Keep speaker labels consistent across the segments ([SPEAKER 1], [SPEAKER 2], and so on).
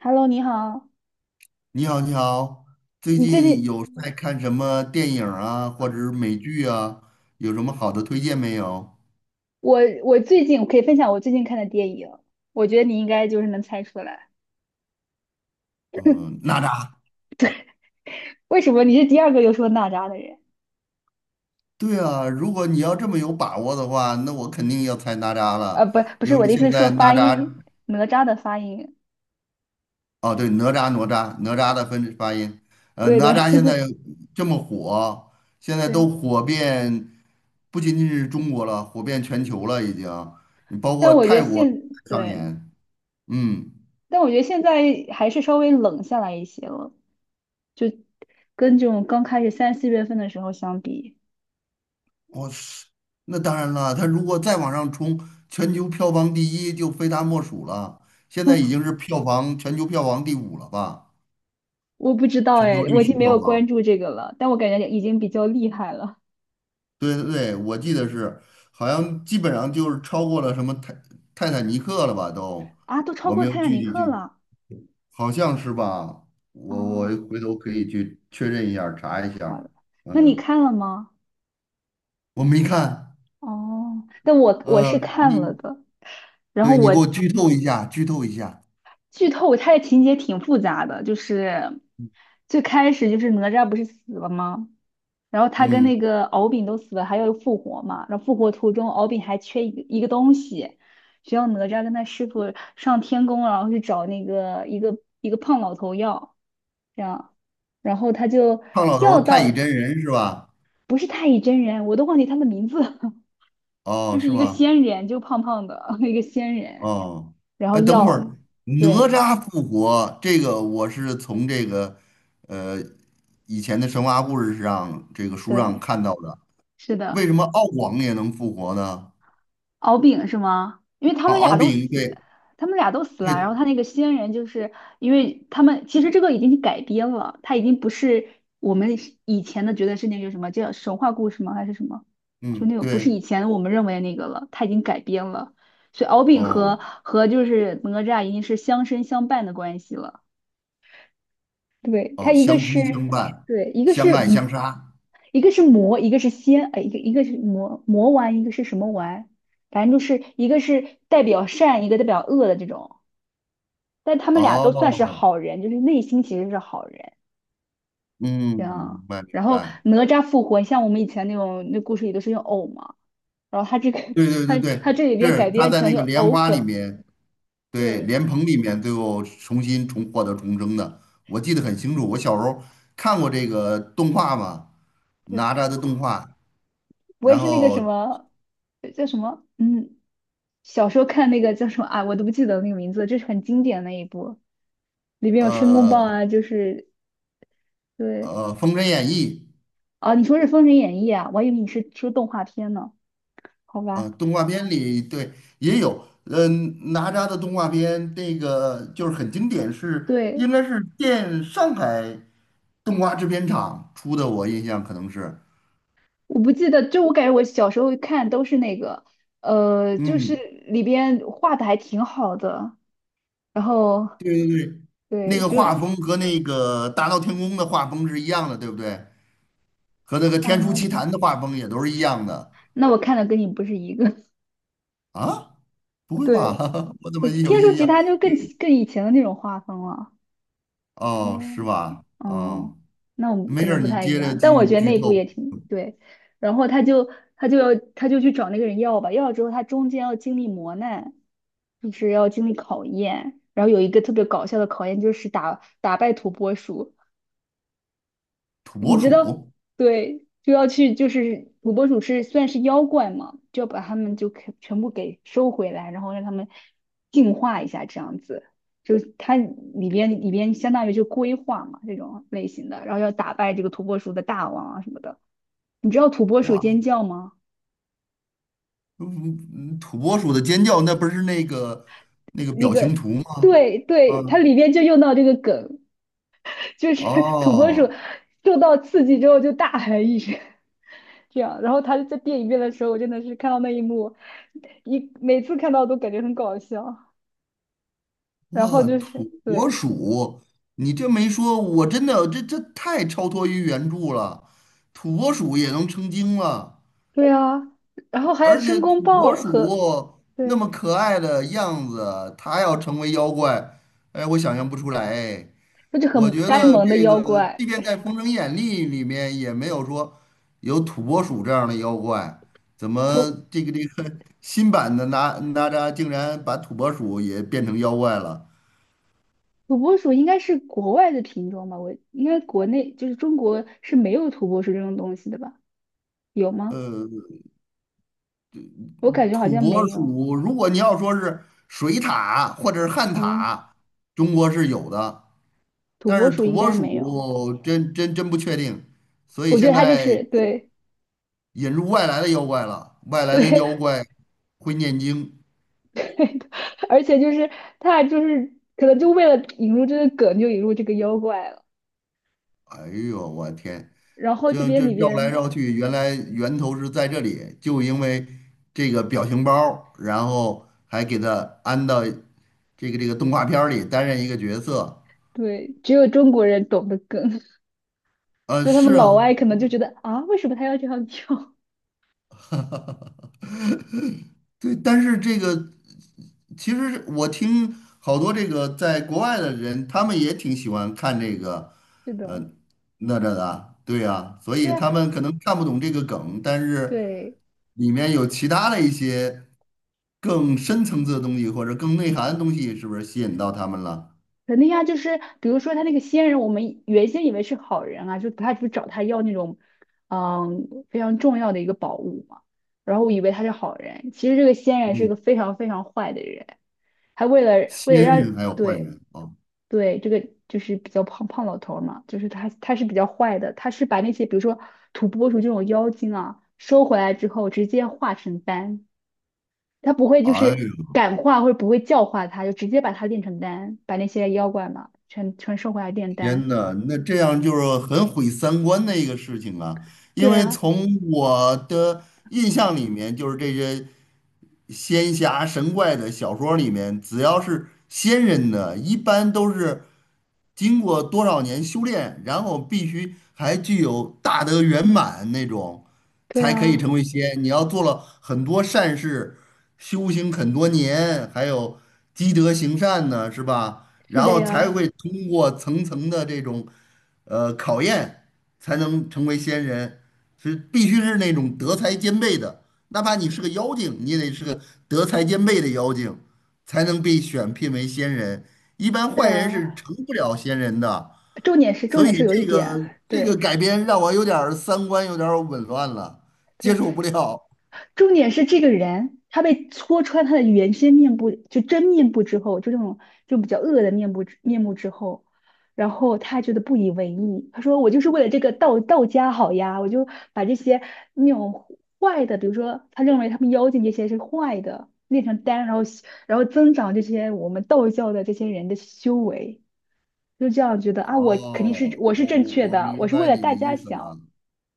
[SPEAKER 1] Hello，你好。
[SPEAKER 2] 你好，你好，最
[SPEAKER 1] 你最
[SPEAKER 2] 近
[SPEAKER 1] 近，
[SPEAKER 2] 有在看什么电影啊，或者是美剧啊？有什么好的推荐没有？
[SPEAKER 1] 我我最近我可以分享我最近看的电影，我觉得你应该就是能猜出来。
[SPEAKER 2] 嗯，哪吒。
[SPEAKER 1] 为什么你是第二个又说哪吒的人？
[SPEAKER 2] 对啊，如果你要这么有把握的话，那我肯定要猜哪吒了，
[SPEAKER 1] 不，不
[SPEAKER 2] 因
[SPEAKER 1] 是
[SPEAKER 2] 为
[SPEAKER 1] 我的意思，
[SPEAKER 2] 现
[SPEAKER 1] 是说
[SPEAKER 2] 在哪
[SPEAKER 1] 发
[SPEAKER 2] 吒，
[SPEAKER 1] 音，哪吒的发音。
[SPEAKER 2] 哦，对，哪吒的分发音，
[SPEAKER 1] 对
[SPEAKER 2] 哪
[SPEAKER 1] 的，
[SPEAKER 2] 吒现
[SPEAKER 1] 对
[SPEAKER 2] 在这么火，现在都
[SPEAKER 1] 对。
[SPEAKER 2] 火遍，不仅仅是中国了，火遍全球了已经，包
[SPEAKER 1] 但
[SPEAKER 2] 括
[SPEAKER 1] 我觉得
[SPEAKER 2] 泰国
[SPEAKER 1] 现
[SPEAKER 2] 上
[SPEAKER 1] 对，
[SPEAKER 2] 演，嗯。
[SPEAKER 1] 但我觉得现在还是稍微冷下来一些了，就跟这种刚开始3、4月份的时候相比，
[SPEAKER 2] 我是，那当然了，他如果再往上冲，全球票房第一就非他莫属了。现在已经是全球票房第五了吧？
[SPEAKER 1] 我不知道
[SPEAKER 2] 全球
[SPEAKER 1] 哎，我
[SPEAKER 2] 历
[SPEAKER 1] 已
[SPEAKER 2] 史
[SPEAKER 1] 经没
[SPEAKER 2] 票
[SPEAKER 1] 有
[SPEAKER 2] 房，
[SPEAKER 1] 关注这个了，但我感觉已经比较厉害了。
[SPEAKER 2] 对对对，我记得是，好像基本上就是超过了什么泰坦尼克了吧？都，
[SPEAKER 1] 啊，都超
[SPEAKER 2] 我
[SPEAKER 1] 过
[SPEAKER 2] 没有
[SPEAKER 1] 《泰坦
[SPEAKER 2] 具
[SPEAKER 1] 尼
[SPEAKER 2] 体
[SPEAKER 1] 克》
[SPEAKER 2] 去，
[SPEAKER 1] 了。
[SPEAKER 2] 好像是吧？我
[SPEAKER 1] 哦，
[SPEAKER 2] 回头可以去确认一下儿查一下
[SPEAKER 1] 好
[SPEAKER 2] 儿
[SPEAKER 1] 的。那你
[SPEAKER 2] 嗯，
[SPEAKER 1] 看了吗？
[SPEAKER 2] 我没看，
[SPEAKER 1] 哦，那我是
[SPEAKER 2] 呃，
[SPEAKER 1] 看了
[SPEAKER 2] 你
[SPEAKER 1] 的，然后
[SPEAKER 2] 对，你
[SPEAKER 1] 我
[SPEAKER 2] 给我剧透一下，剧透一下，
[SPEAKER 1] 剧透。它的情节挺复杂的，就是最开始就是哪吒不是死了吗？然后他跟
[SPEAKER 2] 嗯。
[SPEAKER 1] 那个敖丙都死了，还要复活嘛。然后复活途中，敖丙还缺一个东西，需要哪吒跟他师傅上天宫，然后去找那个一个胖老头要，这样。然后他就
[SPEAKER 2] 胖老头
[SPEAKER 1] 要
[SPEAKER 2] 儿太乙
[SPEAKER 1] 到，
[SPEAKER 2] 真人是吧？
[SPEAKER 1] 不是太乙真人，我都忘记他的名字。就
[SPEAKER 2] 哦，
[SPEAKER 1] 是
[SPEAKER 2] 是
[SPEAKER 1] 一个
[SPEAKER 2] 吗？
[SPEAKER 1] 仙人，就胖胖的 一个仙人，
[SPEAKER 2] 哦，
[SPEAKER 1] 然后
[SPEAKER 2] 哎，等会儿
[SPEAKER 1] 药，
[SPEAKER 2] 哪
[SPEAKER 1] 对
[SPEAKER 2] 吒复活这个，我是从这个呃以前的神话故事上这个书上
[SPEAKER 1] 对，
[SPEAKER 2] 看到的。
[SPEAKER 1] 是
[SPEAKER 2] 为
[SPEAKER 1] 的。
[SPEAKER 2] 什么敖广也能复活呢？
[SPEAKER 1] 敖丙是吗？因为
[SPEAKER 2] 啊，敖丙，对
[SPEAKER 1] 他们俩都死了，然
[SPEAKER 2] 对，
[SPEAKER 1] 后他那个仙人就是，因为他们其实这个已经改编了，他已经不是我们以前的觉得是那个什么叫神话故事吗？还是什么？就
[SPEAKER 2] 嗯，
[SPEAKER 1] 那种不是以
[SPEAKER 2] 对，
[SPEAKER 1] 前我们认为的那个了，他已经改编了，所以敖丙
[SPEAKER 2] 哦
[SPEAKER 1] 和就是哪吒已经是相生相伴的关系了。对，它
[SPEAKER 2] 哦，
[SPEAKER 1] 一个
[SPEAKER 2] 相亲
[SPEAKER 1] 是，
[SPEAKER 2] 相伴，
[SPEAKER 1] 对，一个
[SPEAKER 2] 相
[SPEAKER 1] 是，
[SPEAKER 2] 爱相杀。
[SPEAKER 1] 一个是魔，一个是仙，哎，一个是魔魔丸，一个是什么丸？反正就是一个是代表善，一个代表恶的这种。但他们俩都算是
[SPEAKER 2] 哦，
[SPEAKER 1] 好人，就是内心其实是好人。
[SPEAKER 2] 嗯，
[SPEAKER 1] 这样，
[SPEAKER 2] 明白明
[SPEAKER 1] 然后
[SPEAKER 2] 白。
[SPEAKER 1] 哪吒复活，像我们以前那种那故事里都是用藕嘛，然后他这个
[SPEAKER 2] 对 对对
[SPEAKER 1] 他
[SPEAKER 2] 对，
[SPEAKER 1] 他这里边改
[SPEAKER 2] 是他
[SPEAKER 1] 编
[SPEAKER 2] 在
[SPEAKER 1] 成
[SPEAKER 2] 那个
[SPEAKER 1] 用
[SPEAKER 2] 莲
[SPEAKER 1] 藕
[SPEAKER 2] 花里
[SPEAKER 1] 粉，
[SPEAKER 2] 面。对，
[SPEAKER 1] 对
[SPEAKER 2] 莲蓬里面最后重新重获得重生的，我记得很清楚。我小时候看过这个动画嘛，
[SPEAKER 1] 对。
[SPEAKER 2] 哪吒的动画，
[SPEAKER 1] 不会
[SPEAKER 2] 然
[SPEAKER 1] 是那个什
[SPEAKER 2] 后
[SPEAKER 1] 么叫什么？嗯，小时候看那个叫什么啊，我都不记得那个名字，这是很经典的那一部，里边有申公豹
[SPEAKER 2] 呃
[SPEAKER 1] 啊，就是对
[SPEAKER 2] 《封神演义》
[SPEAKER 1] 啊，你说是《封神演义》啊，我还以为你是说动画片呢，好
[SPEAKER 2] 啊、
[SPEAKER 1] 吧？
[SPEAKER 2] 动画片里对也有，嗯、哪吒的动画片那个就是很经典是，
[SPEAKER 1] 对，
[SPEAKER 2] 应该是上海动画制片厂出的，我印象可能是，
[SPEAKER 1] 我不记得，就我感觉我小时候看都是那个，就是
[SPEAKER 2] 嗯，
[SPEAKER 1] 里边画的还挺好的，然后
[SPEAKER 2] 那
[SPEAKER 1] 对，
[SPEAKER 2] 个
[SPEAKER 1] 就
[SPEAKER 2] 画风和那个《大闹天宫》的画风是一样的，对不对？和那个
[SPEAKER 1] 大
[SPEAKER 2] 《天书
[SPEAKER 1] 闹
[SPEAKER 2] 奇
[SPEAKER 1] 天
[SPEAKER 2] 谭》
[SPEAKER 1] 宫。
[SPEAKER 2] 的画风也都是一样的
[SPEAKER 1] 那我看的跟你不是一个，
[SPEAKER 2] 啊？不 会吧？
[SPEAKER 1] 对，
[SPEAKER 2] 我怎
[SPEAKER 1] 不
[SPEAKER 2] 么
[SPEAKER 1] 是
[SPEAKER 2] 有
[SPEAKER 1] 《天书
[SPEAKER 2] 印
[SPEAKER 1] 奇
[SPEAKER 2] 象？
[SPEAKER 1] 谭》就更以前的那种画风了，对。
[SPEAKER 2] 哦，是吧？
[SPEAKER 1] 哦，
[SPEAKER 2] 哦，
[SPEAKER 1] 那我们
[SPEAKER 2] 没
[SPEAKER 1] 可
[SPEAKER 2] 事儿，
[SPEAKER 1] 能不
[SPEAKER 2] 你
[SPEAKER 1] 太一
[SPEAKER 2] 接着
[SPEAKER 1] 样，
[SPEAKER 2] 继
[SPEAKER 1] 但我
[SPEAKER 2] 续
[SPEAKER 1] 觉得
[SPEAKER 2] 剧
[SPEAKER 1] 那部
[SPEAKER 2] 透。
[SPEAKER 1] 也挺对。然后他就去找那个人要吧，要了之后他中间要经历磨难，就是要经历考验。然后有一个特别搞笑的考验，就是打败土拨鼠。
[SPEAKER 2] 土
[SPEAKER 1] 你
[SPEAKER 2] 拨
[SPEAKER 1] 知道，
[SPEAKER 2] 鼠，
[SPEAKER 1] 对，就要去，就是土拨鼠是算是妖怪嘛，就要把它们就给全部给收回来，然后让它们进化一下，这样子。就它里边相当于就规划嘛这种类型的，然后要打败这个土拨鼠的大王啊什么的。你知道土拨鼠
[SPEAKER 2] 哇，
[SPEAKER 1] 尖叫吗？
[SPEAKER 2] 嗯，嗯土拨鼠的尖叫，那不是那个
[SPEAKER 1] 那
[SPEAKER 2] 表情
[SPEAKER 1] 个，
[SPEAKER 2] 图吗？
[SPEAKER 1] 对
[SPEAKER 2] 啊，
[SPEAKER 1] 对，它里边就用到这个梗。就是土拨鼠
[SPEAKER 2] 哦，
[SPEAKER 1] 受到刺激之后就大喊一声，这样。然后他在电影院的时候，我真的是看到那一幕，每次看到都感觉很搞笑。然后
[SPEAKER 2] 哇，
[SPEAKER 1] 就是
[SPEAKER 2] 土拨
[SPEAKER 1] 对
[SPEAKER 2] 鼠，你这没说，我真的这太超脱于原著了，土拨鼠也能成精了。
[SPEAKER 1] 对啊，然后还有
[SPEAKER 2] 而且
[SPEAKER 1] 申公
[SPEAKER 2] 土拨
[SPEAKER 1] 豹
[SPEAKER 2] 鼠
[SPEAKER 1] 和
[SPEAKER 2] 那
[SPEAKER 1] 对，
[SPEAKER 2] 么可爱的样子，它要成为妖怪，哎，我想象不出来。哎
[SPEAKER 1] 那就
[SPEAKER 2] 我
[SPEAKER 1] 很
[SPEAKER 2] 觉
[SPEAKER 1] 呆
[SPEAKER 2] 得
[SPEAKER 1] 萌的
[SPEAKER 2] 这
[SPEAKER 1] 妖
[SPEAKER 2] 个，
[SPEAKER 1] 怪。
[SPEAKER 2] 即便在《封神演义》里面，也没有说有土拨鼠这样的妖怪。怎么
[SPEAKER 1] 土
[SPEAKER 2] 这个 新版的哪吒竟然把土拨鼠也变成妖怪了？
[SPEAKER 1] 土拨鼠应该是国外的品种吧？我应该国内就是中国是没有土拨鼠这种东西的吧？有吗？我感觉好
[SPEAKER 2] 土
[SPEAKER 1] 像
[SPEAKER 2] 拨
[SPEAKER 1] 没有。
[SPEAKER 2] 鼠，如果你要说是水獭或者是旱
[SPEAKER 1] 嗯，
[SPEAKER 2] 獭，中国是有的。
[SPEAKER 1] 土
[SPEAKER 2] 但
[SPEAKER 1] 拨
[SPEAKER 2] 是
[SPEAKER 1] 鼠
[SPEAKER 2] 土
[SPEAKER 1] 应
[SPEAKER 2] 拨
[SPEAKER 1] 该没有。
[SPEAKER 2] 鼠真不确定，所以
[SPEAKER 1] 我觉
[SPEAKER 2] 现
[SPEAKER 1] 得他就
[SPEAKER 2] 在
[SPEAKER 1] 是对
[SPEAKER 2] 引入外来的妖怪了，外来
[SPEAKER 1] 对，
[SPEAKER 2] 的妖怪会念经。
[SPEAKER 1] 而且就是他就是可能就为了引入这个梗，就引入这个妖怪了。
[SPEAKER 2] 哎呦，我天，
[SPEAKER 1] 然后这
[SPEAKER 2] 这
[SPEAKER 1] 边里
[SPEAKER 2] 绕来
[SPEAKER 1] 边
[SPEAKER 2] 绕去，原来源头是在这里，就因为这个表情包儿然后还给他安到这个动画片儿里担任一个角色。
[SPEAKER 1] 对，只有中国人懂得梗，所以他
[SPEAKER 2] 是
[SPEAKER 1] 们老
[SPEAKER 2] 啊，
[SPEAKER 1] 外可能就觉得啊，为什么他要这样跳？
[SPEAKER 2] 对，但是这个。其实我听好多这个在国外的人，他们也挺喜欢看这个，
[SPEAKER 1] 是
[SPEAKER 2] 呃，
[SPEAKER 1] 的，
[SPEAKER 2] 哪吒的啊，对呀，所
[SPEAKER 1] 对
[SPEAKER 2] 以
[SPEAKER 1] 啊，
[SPEAKER 2] 他们可能看不懂这个梗，但是
[SPEAKER 1] 对。
[SPEAKER 2] 里面有其他的一些更深层次的东西或者更内涵的东西，是不是吸引到他们了？
[SPEAKER 1] 肯定啊，就是比如说他那个仙人，我们原先以为是好人啊，就他不是找他要那种，非常重要的一个宝物嘛。然后我以为他是好人，其实这个仙人是
[SPEAKER 2] 嗯，
[SPEAKER 1] 个非常非常坏的人。还为了
[SPEAKER 2] 仙
[SPEAKER 1] 为了让
[SPEAKER 2] 人还有坏
[SPEAKER 1] 对
[SPEAKER 2] 人啊，
[SPEAKER 1] 对这个就是比较胖胖老头儿嘛，就是他是比较坏的，他是把那些比如说土拨鼠这种妖精啊收回来之后直接化成丹，他不会就
[SPEAKER 2] 哎
[SPEAKER 1] 是
[SPEAKER 2] 呦
[SPEAKER 1] 感化或者不会教化他，就直接把他炼成丹，把那些妖怪嘛全收回来炼丹。
[SPEAKER 2] 天呐，那这样就是很毁三观的一个事情啊，因
[SPEAKER 1] 对
[SPEAKER 2] 为
[SPEAKER 1] 啊，
[SPEAKER 2] 从我的印象里面，就是这些。仙侠神怪的小说里面，只要是仙人的，一般都是。经过多少年修炼，然后必须还具有大德圆满那种，
[SPEAKER 1] 对
[SPEAKER 2] 才可以成
[SPEAKER 1] 啊，
[SPEAKER 2] 为仙。你要做了很多善事，修行很多年，还有积德行善呢，是吧？
[SPEAKER 1] 是
[SPEAKER 2] 然
[SPEAKER 1] 的
[SPEAKER 2] 后才
[SPEAKER 1] 呀，
[SPEAKER 2] 会通过层层的这种考验，才能成为仙人。是必须是那种德才兼备的，哪怕你是个妖精，你也得是个德才兼备的妖精，才能被选聘为仙人。一般
[SPEAKER 1] 对
[SPEAKER 2] 坏人是
[SPEAKER 1] 啊。
[SPEAKER 2] 成不了仙人的，
[SPEAKER 1] 重点是重
[SPEAKER 2] 所
[SPEAKER 1] 点
[SPEAKER 2] 以
[SPEAKER 1] 是有一
[SPEAKER 2] 这
[SPEAKER 1] 点，
[SPEAKER 2] 个这个
[SPEAKER 1] 对
[SPEAKER 2] 改编让我有点儿三观有点儿紊乱了，接
[SPEAKER 1] 对。
[SPEAKER 2] 受不了。
[SPEAKER 1] 重点是这个人，他被戳穿他的原先面部，就真面部之后，就这种就比较恶的面目之后，然后他觉得不以为意，他说我就是为了这个道家好呀，我就把这些那种坏的，比如说他认为他们妖精这些是坏的，炼成丹，然后增长这些我们道教的这些人的修为，就这样觉得啊，
[SPEAKER 2] 哦，
[SPEAKER 1] 我是
[SPEAKER 2] 我
[SPEAKER 1] 正
[SPEAKER 2] 我
[SPEAKER 1] 确
[SPEAKER 2] 我
[SPEAKER 1] 的，
[SPEAKER 2] 明
[SPEAKER 1] 我是为
[SPEAKER 2] 白
[SPEAKER 1] 了
[SPEAKER 2] 你的
[SPEAKER 1] 大家
[SPEAKER 2] 意思
[SPEAKER 1] 想，
[SPEAKER 2] 了。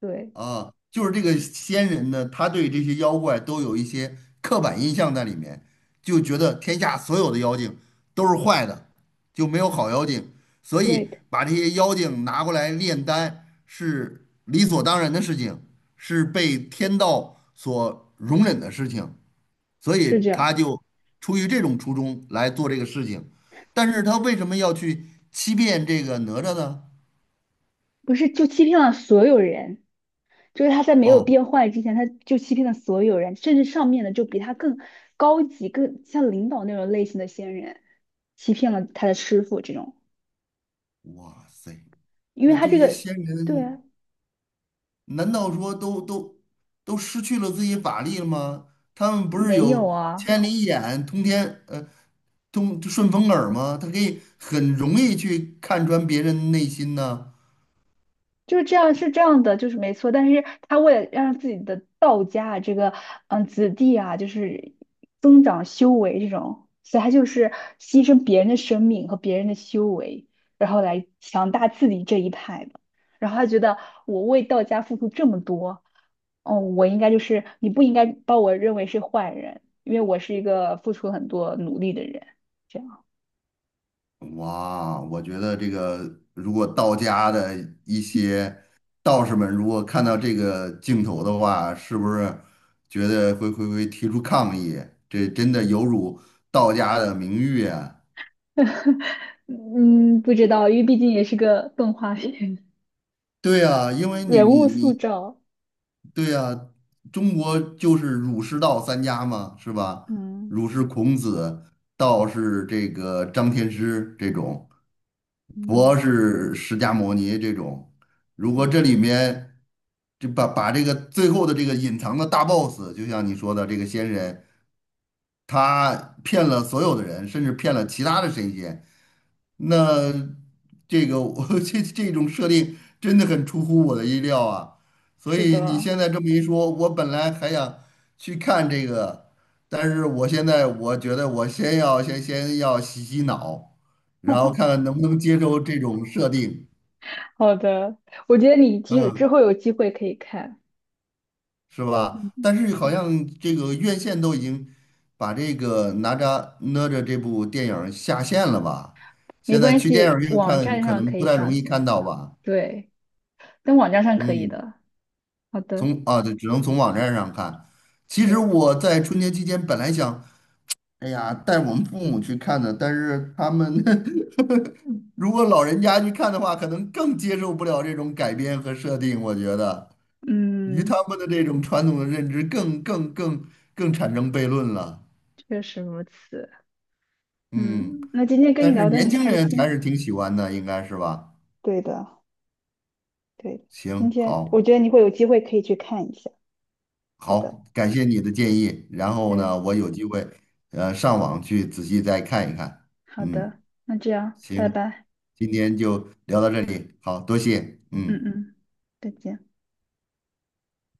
[SPEAKER 1] 对
[SPEAKER 2] 啊，就是这个仙人呢，他对这些妖怪都有一些刻板印象在里面，就觉得天下所有的妖精都是坏的，就没有好妖精，所以
[SPEAKER 1] 对，
[SPEAKER 2] 把这些妖精拿过来炼丹是理所当然的事情，是被天道所容忍的事情，所
[SPEAKER 1] 是
[SPEAKER 2] 以
[SPEAKER 1] 这样。
[SPEAKER 2] 他就出于这种初衷来做这个事情。但是他为什么要去欺骗这个哪吒呢？
[SPEAKER 1] 不是就欺骗了所有人，就是他在没有
[SPEAKER 2] 哦，
[SPEAKER 1] 变坏之前，他就欺骗了所有人，甚至上面的就比他更高级、更像领导那种类型的仙人，欺骗了他的师傅这种，
[SPEAKER 2] 哇塞，
[SPEAKER 1] 因为
[SPEAKER 2] 那
[SPEAKER 1] 他
[SPEAKER 2] 这
[SPEAKER 1] 这
[SPEAKER 2] 些
[SPEAKER 1] 个，
[SPEAKER 2] 仙
[SPEAKER 1] 对啊，
[SPEAKER 2] 人。难道说都失去了自己法力了吗？他们不是
[SPEAKER 1] 没有
[SPEAKER 2] 有
[SPEAKER 1] 啊，
[SPEAKER 2] 千里眼、通顺风耳吗？他可以很容易去看穿别人内心呢。
[SPEAKER 1] 就是这样是这样的，就是没错。但是他为了让自己的道家啊，这个子弟啊，就是增长修为这种，所以他就是牺牲别人的生命和别人的修为，然后来强大自己这一派的，然后他觉得我为道家付出这么多。哦，我应该就是你不应该把我认为是坏人，因为我是一个付出很多努力的人。这样，
[SPEAKER 2] 哇，我觉得这个如果道家的一些道士们如果看到这个镜头的话，是不是觉得会提出抗议？这真的有辱道家的名誉啊！
[SPEAKER 1] 嗯，不知道，因为毕竟也是个动画片，
[SPEAKER 2] 对啊，因为 你
[SPEAKER 1] 人
[SPEAKER 2] 你
[SPEAKER 1] 物塑
[SPEAKER 2] 你。
[SPEAKER 1] 造。
[SPEAKER 2] 对呀，中国就是儒释道三家嘛，是吧？
[SPEAKER 1] 嗯
[SPEAKER 2] 儒是孔子，道是这个张天师这种，佛
[SPEAKER 1] 嗯
[SPEAKER 2] 是释迦牟尼这种。如果这
[SPEAKER 1] 嗯，
[SPEAKER 2] 里面就把这个最后的这个隐藏的大 boss，就像你说的这个仙人，他骗了所有的人，甚至骗了其他的神仙。那这个我 这种设定真的很出乎我的意料啊！所
[SPEAKER 1] 是
[SPEAKER 2] 以你
[SPEAKER 1] 的。
[SPEAKER 2] 现在这么一说，我本来还想去看这个，但是我现在我觉得我先要洗洗脑，然后看看能不能接受这种设定。
[SPEAKER 1] 好的，我觉得你之之
[SPEAKER 2] 嗯，
[SPEAKER 1] 后有机会可以看，
[SPEAKER 2] 是
[SPEAKER 1] 嗯，
[SPEAKER 2] 吧？但是好
[SPEAKER 1] 对。
[SPEAKER 2] 像这个院线都已经把这个哪吒这部电影儿下线了吧？
[SPEAKER 1] 没
[SPEAKER 2] 现在
[SPEAKER 1] 关
[SPEAKER 2] 去电影
[SPEAKER 1] 系，
[SPEAKER 2] 院
[SPEAKER 1] 网
[SPEAKER 2] 看
[SPEAKER 1] 站
[SPEAKER 2] 可
[SPEAKER 1] 上
[SPEAKER 2] 能
[SPEAKER 1] 可以
[SPEAKER 2] 不太
[SPEAKER 1] 上
[SPEAKER 2] 容易
[SPEAKER 1] 线，
[SPEAKER 2] 看到吧？
[SPEAKER 1] 对，但网站上可以
[SPEAKER 2] 嗯，
[SPEAKER 1] 的。好的，
[SPEAKER 2] 对，只能从网站上看。其实
[SPEAKER 1] 对，
[SPEAKER 2] 我在春节期间本来想，哎呀，带我们父母去看的，但是他们 如果老人家去看的话，可能更接受不了这种改编和设定，我觉得与他
[SPEAKER 1] 嗯，
[SPEAKER 2] 们的这种传统的认知更产生悖论了。
[SPEAKER 1] 确实如此。
[SPEAKER 2] 嗯，
[SPEAKER 1] 嗯，那今天跟你
[SPEAKER 2] 但是
[SPEAKER 1] 聊得
[SPEAKER 2] 年
[SPEAKER 1] 很
[SPEAKER 2] 轻
[SPEAKER 1] 开
[SPEAKER 2] 人还是
[SPEAKER 1] 心。
[SPEAKER 2] 挺喜欢的，应该是吧？
[SPEAKER 1] 对的，对的，今
[SPEAKER 2] 行，
[SPEAKER 1] 天我
[SPEAKER 2] 好，
[SPEAKER 1] 觉得你会有机会可以去看一下。好的，
[SPEAKER 2] 好，感谢你的建议。然后
[SPEAKER 1] 对，
[SPEAKER 2] 呢，我有机会，上网去仔细再看一看。
[SPEAKER 1] 好
[SPEAKER 2] 嗯，
[SPEAKER 1] 的，那这样，拜
[SPEAKER 2] 行，
[SPEAKER 1] 拜。
[SPEAKER 2] 今天就聊到这里，好，多谢，
[SPEAKER 1] 嗯
[SPEAKER 2] 嗯。
[SPEAKER 1] 嗯，再见。